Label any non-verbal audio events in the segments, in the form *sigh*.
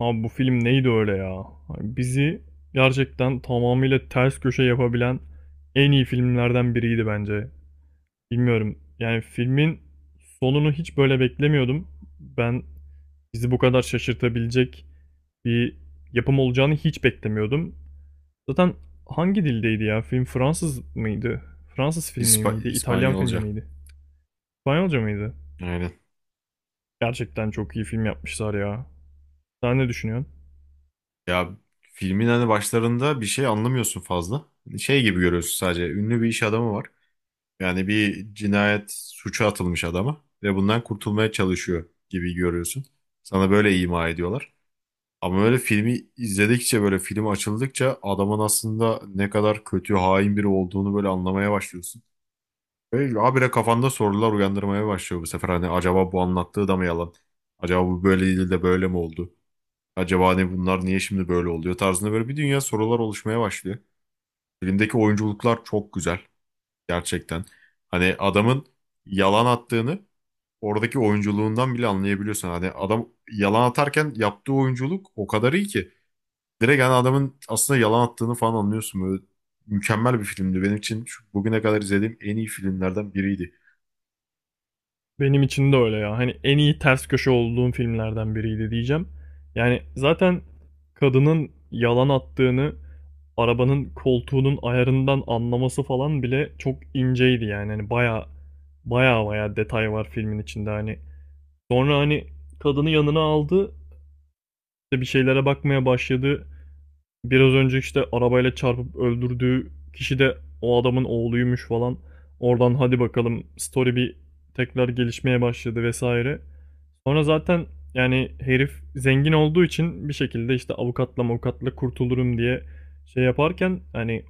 Abi bu film neydi öyle ya? Hani bizi gerçekten tamamıyla ters köşe yapabilen en iyi filmlerden biriydi bence. Bilmiyorum. Yani filmin sonunu hiç böyle beklemiyordum. Ben bizi bu kadar şaşırtabilecek bir yapım olacağını hiç beklemiyordum. Zaten hangi dildeydi ya? Film Fransız mıydı? Fransız filmi miydi? İtalyan filmi İspanyolca. miydi? İspanyolca mıydı? Aynen. Gerçekten çok iyi film yapmışlar ya. Sen ne düşünüyorsun? Ya filmin hani başlarında bir şey anlamıyorsun fazla. Şey gibi görüyorsun sadece. Ünlü bir iş adamı var. Yani bir cinayet suça atılmış adama ve bundan kurtulmaya çalışıyor gibi görüyorsun. Sana böyle ima ediyorlar. Ama öyle filmi izledikçe böyle film açıldıkça adamın aslında ne kadar kötü, hain biri olduğunu böyle anlamaya başlıyorsun. Ve habire kafanda sorular uyandırmaya başlıyor bu sefer. Hani acaba bu anlattığı da mı yalan? Acaba bu böyle değil de böyle mi oldu? Acaba ne bunlar niye şimdi böyle oluyor tarzında böyle bir dünya sorular oluşmaya başlıyor. Filmdeki oyunculuklar çok güzel gerçekten. Hani adamın yalan attığını oradaki oyunculuğundan bile anlayabiliyorsun. Hani adam yalan atarken yaptığı oyunculuk o kadar iyi ki. Direkt hani adamın aslında yalan attığını falan anlıyorsun. Böyle mükemmel bir filmdi. Benim için şu bugüne kadar izlediğim en iyi filmlerden biriydi. Benim için de öyle ya. Hani en iyi ters köşe olduğum filmlerden biriydi diyeceğim. Yani zaten kadının yalan attığını arabanın koltuğunun ayarından anlaması falan bile çok inceydi yani. Hani baya baya detay var filmin içinde hani. Sonra hani kadını yanına aldı, işte bir şeylere bakmaya başladı. Biraz önce işte arabayla çarpıp öldürdüğü kişi de o adamın oğluymuş falan. Oradan hadi bakalım story bir tekrar gelişmeye başladı vesaire. Sonra zaten yani herif zengin olduğu için bir şekilde işte avukatla kurtulurum diye şey yaparken hani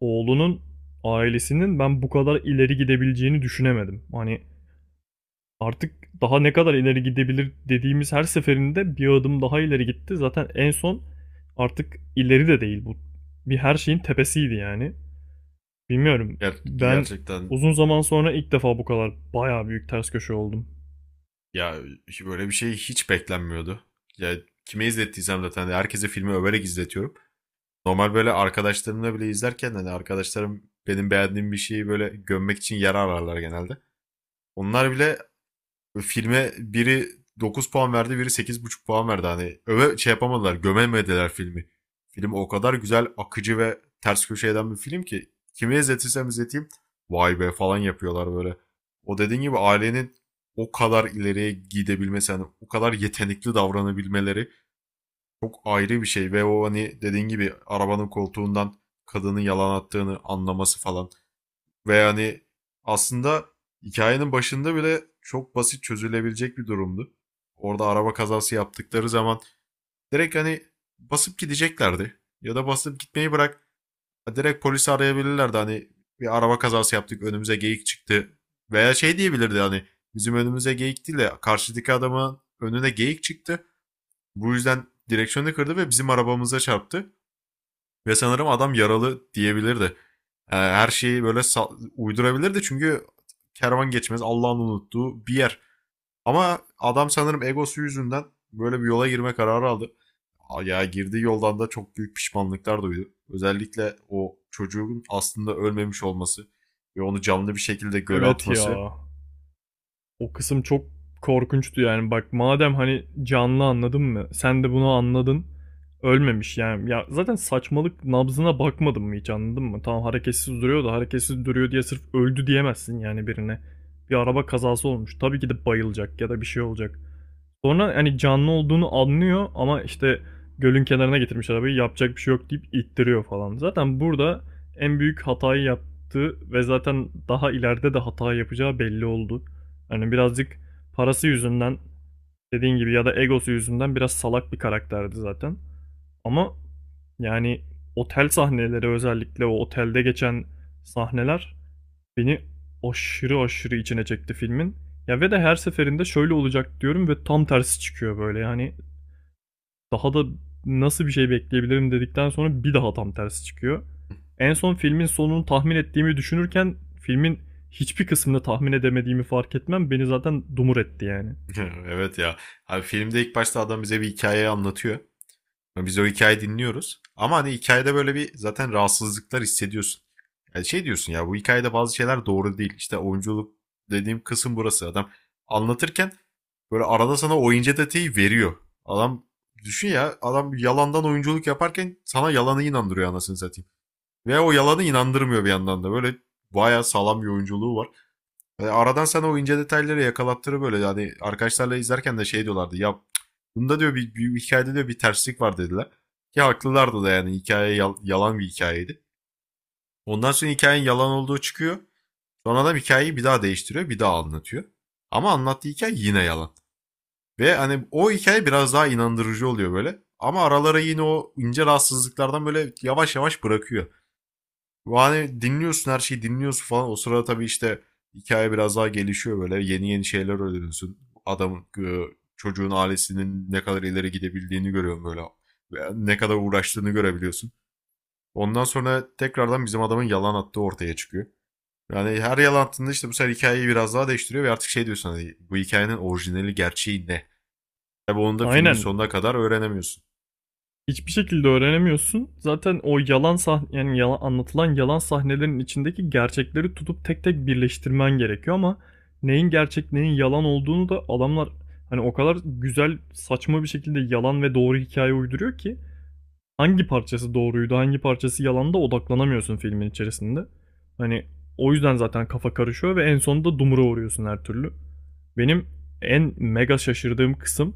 oğlunun ailesinin ben bu kadar ileri gidebileceğini düşünemedim. Hani artık daha ne kadar ileri gidebilir dediğimiz her seferinde bir adım daha ileri gitti. Zaten en son artık ileri de değil bu. Bir her şeyin tepesiydi yani. Bilmiyorum. Ben Gerçekten uzun zaman sonra ilk defa bu kadar bayağı büyük ters köşe oldum. ya böyle bir şey hiç beklenmiyordu. Ya kime izlettiysem zaten herkese filmi överek izletiyorum. Normal böyle arkadaşlarımla bile izlerken hani arkadaşlarım benim beğendiğim bir şeyi böyle gömmek için yer ararlar genelde. Onlar bile filme biri 9 puan verdi, biri 8,5 puan verdi. Hani öve şey yapamadılar, gömemediler filmi. Film o kadar güzel, akıcı ve ters köşe eden bir film ki kime izletirsem izleteyim vay be falan yapıyorlar böyle. O dediğin gibi ailenin o kadar ileriye gidebilmesi, hani o kadar yetenekli davranabilmeleri çok ayrı bir şey ve o hani dediğin gibi arabanın koltuğundan kadının yalan attığını anlaması falan. Ve hani aslında hikayenin başında bile çok basit çözülebilecek bir durumdu. Orada araba kazası yaptıkları zaman direkt hani basıp gideceklerdi. Ya da basıp gitmeyi bırak ha direkt polisi arayabilirlerdi hani bir araba kazası yaptık önümüze geyik çıktı. Veya şey diyebilirdi hani bizim önümüze geyik değil de karşıdaki adamın önüne geyik çıktı. Bu yüzden direksiyonu kırdı ve bizim arabamıza çarptı. Ve sanırım adam yaralı diyebilirdi. Her şeyi böyle uydurabilirdi çünkü kervan geçmez Allah'ın unuttuğu bir yer. Ama adam sanırım egosu yüzünden böyle bir yola girme kararı aldı. Ya girdiği yoldan da çok büyük pişmanlıklar duydu. Özellikle o çocuğun aslında ölmemiş olması ve onu canlı bir şekilde göle Evet atması. ya. O kısım çok korkunçtu yani. Bak madem hani canlı anladın mı? Sen de bunu anladın. Ölmemiş yani. Ya zaten saçmalık, nabzına bakmadın mı hiç, anladın mı? Tamam, hareketsiz duruyor da hareketsiz duruyor diye sırf öldü diyemezsin yani birine. Bir araba kazası olmuş. Tabii ki de bayılacak ya da bir şey olacak. Sonra hani canlı olduğunu anlıyor ama işte gölün kenarına getirmiş arabayı, yapacak bir şey yok deyip ittiriyor falan. Zaten burada en büyük hatayı yaptı ve zaten daha ileride de hata yapacağı belli oldu. Hani birazcık parası yüzünden, dediğin gibi, ya da egosu yüzünden biraz salak bir karakterdi zaten. Ama yani otel sahneleri, özellikle o otelde geçen sahneler, beni aşırı aşırı içine çekti filmin. Ya ve de her seferinde şöyle olacak diyorum ve tam tersi çıkıyor böyle. Yani daha da nasıl bir şey bekleyebilirim dedikten sonra bir daha tam tersi çıkıyor. En son filmin sonunu tahmin ettiğimi düşünürken filmin hiçbir kısmını tahmin edemediğimi fark etmem beni zaten dumur etti yani. *laughs* Evet ya. Abi filmde ilk başta adam bize bir hikayeyi anlatıyor. Biz o hikayeyi dinliyoruz. Ama hani hikayede böyle bir zaten rahatsızlıklar hissediyorsun. Yani şey diyorsun ya bu hikayede bazı şeyler doğru değil. İşte oyunculuk dediğim kısım burası. Adam anlatırken böyle arada sana oyuncu detayı veriyor. Adam düşün ya adam yalandan oyunculuk yaparken sana yalanı inandırıyor anasını satayım. Ve o yalanı inandırmıyor bir yandan da. Böyle bayağı sağlam bir oyunculuğu var. Aradan sana o ince detayları yakalattırı böyle. Yani arkadaşlarla izlerken de şey diyorlardı. Ya bunda diyor bir hikayede diyor bir terslik var dediler. Ki haklılardı da yani hikaye yalan bir hikayeydi. Ondan sonra hikayenin yalan olduğu çıkıyor. Sonra adam hikayeyi bir daha değiştiriyor, bir daha anlatıyor. Ama anlattığı hikaye yine yalan. Ve hani o hikaye biraz daha inandırıcı oluyor böyle. Ama aralara yine o ince rahatsızlıklardan böyle yavaş yavaş bırakıyor. Yani dinliyorsun her şeyi dinliyorsun falan. O sırada tabii işte hikaye biraz daha gelişiyor böyle. Yeni yeni şeyler öğreniyorsun. Adamın e, Çocuğun ailesinin ne kadar ileri gidebildiğini görüyorsun böyle. Ve ne kadar uğraştığını görebiliyorsun. Ondan sonra tekrardan bizim adamın yalan attığı ortaya çıkıyor. Yani her yalan attığında işte bu sefer hikayeyi biraz daha değiştiriyor ve artık şey diyorsun hani bu hikayenin orijinali gerçeği ne? Tabii onu da filmin Aynen. sonuna kadar öğrenemiyorsun. Hiçbir şekilde öğrenemiyorsun. Zaten o yalan sah yani yalan anlatılan yalan sahnelerin içindeki gerçekleri tutup tek tek birleştirmen gerekiyor ama neyin gerçek, neyin yalan olduğunu da adamlar hani o kadar güzel saçma bir şekilde yalan ve doğru hikaye uyduruyor ki hangi parçası doğruydu, hangi parçası yalanda odaklanamıyorsun filmin içerisinde. Hani o yüzden zaten kafa karışıyor ve en sonunda dumura uğruyorsun her türlü. Benim en mega şaşırdığım kısım,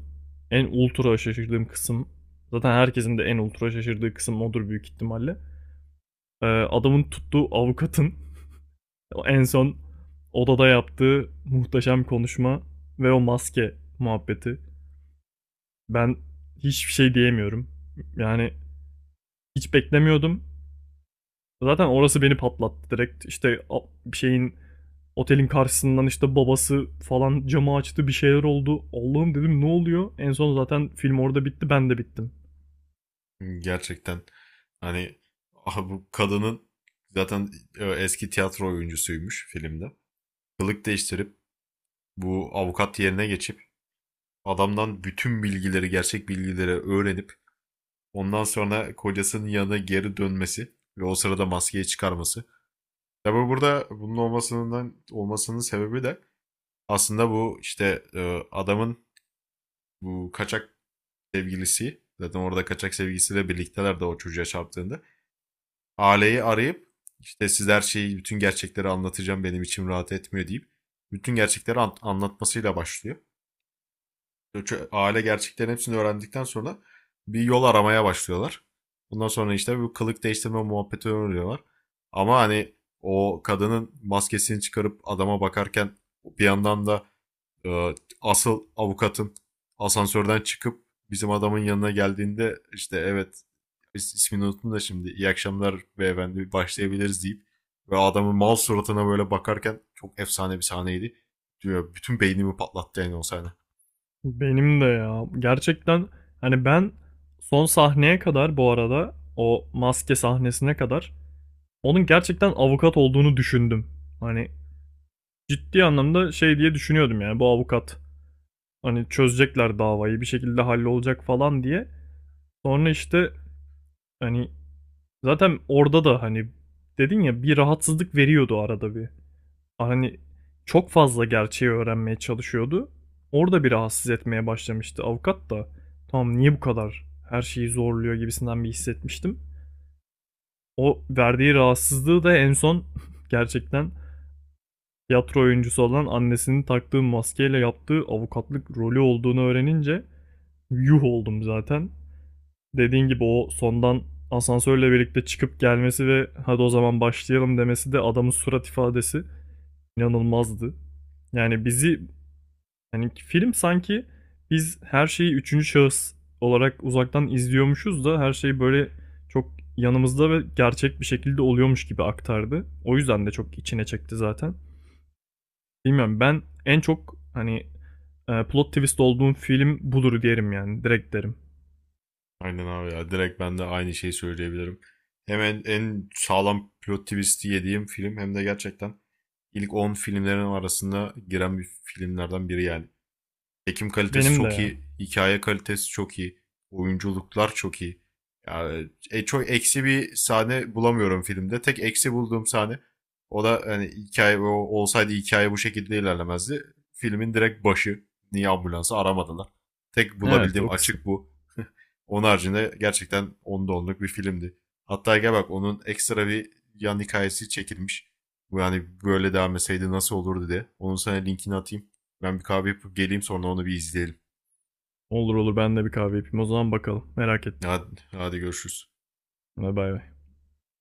en ultra şaşırdığım kısım, zaten herkesin de en ultra şaşırdığı kısım odur büyük ihtimalle. Adamın tuttuğu avukatın *laughs* en son odada yaptığı muhteşem konuşma ve o maske muhabbeti. Ben hiçbir şey diyemiyorum. Yani hiç beklemiyordum. Zaten orası beni patlattı direkt. İşte bir şeyin, otelin karşısından işte babası falan camı açtı, bir şeyler oldu. Allah'ım dedim, ne oluyor? En son zaten film orada bitti, ben de bittim. Gerçekten hani aha bu kadının zaten eski tiyatro oyuncusuymuş filmde. Kılık değiştirip bu avukat yerine geçip adamdan bütün bilgileri, gerçek bilgileri öğrenip ondan sonra kocasının yanına geri dönmesi ve o sırada maskeyi çıkarması. Tabi burada bunun olmasından olmasının sebebi de aslında bu işte adamın bu kaçak sevgilisi zaten orada kaçak sevgilisiyle birlikteler de o çocuğa çarptığında aileyi arayıp işte siz her şeyi bütün gerçekleri anlatacağım benim içim rahat etmiyor deyip bütün gerçekleri anlatmasıyla başlıyor. Aile gerçeklerin hepsini öğrendikten sonra bir yol aramaya başlıyorlar. Bundan sonra işte bu kılık değiştirme muhabbeti öğreniyorlar. Ama hani o kadının maskesini çıkarıp adama bakarken bir yandan da e, asıl avukatın asansörden çıkıp bizim adamın yanına geldiğinde işte evet ismini unuttum da şimdi iyi akşamlar beyefendi başlayabiliriz deyip ve adamın mal suratına böyle bakarken çok efsane bir sahneydi. Diyor, bütün beynimi patlattı yani o sahne. Benim de ya. Gerçekten hani ben son sahneye kadar, bu arada o maske sahnesine kadar, onun gerçekten avukat olduğunu düşündüm. Hani ciddi anlamda şey diye düşünüyordum yani, bu avukat hani çözecekler davayı bir şekilde, hallolacak falan diye. Sonra işte hani zaten orada da hani, dedin ya, bir rahatsızlık veriyordu arada bir. Hani çok fazla gerçeği öğrenmeye çalışıyordu. Orada bir rahatsız etmeye başlamıştı avukat da. Tamam, niye bu kadar her şeyi zorluyor gibisinden bir hissetmiştim. O verdiği rahatsızlığı da en son *laughs* gerçekten tiyatro oyuncusu olan annesinin taktığı maskeyle yaptığı avukatlık rolü olduğunu öğrenince yuh oldum zaten. Dediğin gibi o sondan asansörle birlikte çıkıp gelmesi ve hadi o zaman başlayalım demesi, de adamın surat ifadesi inanılmazdı. Yani bizi, yani film sanki biz her şeyi üçüncü şahıs olarak uzaktan izliyormuşuz da her şey böyle çok yanımızda ve gerçek bir şekilde oluyormuş gibi aktardı. O yüzden de çok içine çekti zaten. Bilmiyorum, ben en çok hani plot twist olduğum film budur derim yani, direkt derim. Aynen abi ya direkt ben de aynı şeyi söyleyebilirim. Hem en sağlam plot twist'i yediğim film hem de gerçekten ilk 10 filmlerin arasında giren bir filmlerden biri yani. Çekim kalitesi Benim de çok ya. iyi. Hikaye kalitesi çok iyi. Oyunculuklar çok iyi. Yani, çok eksi bir sahne bulamıyorum filmde. Tek eksi bulduğum sahne o da hani hikaye olsaydı hikaye bu şekilde ilerlemezdi. Filmin direkt başı. Niye ambulansı aramadılar? Tek Evet, bulabildiğim o kısım. açık bu. Onun haricinde gerçekten 10'da 10'luk bir filmdi. Hatta gel bak onun ekstra bir yan hikayesi çekilmiş. Bu yani böyle devam etseydi nasıl olurdu diye. Onun sana linkini atayım. Ben bir kahve yapıp geleyim sonra onu bir izleyelim. Olur olur, ben de bir kahve yapayım. O zaman bakalım. Merak ettim. Hadi, hadi görüşürüz. Hadi bay bay.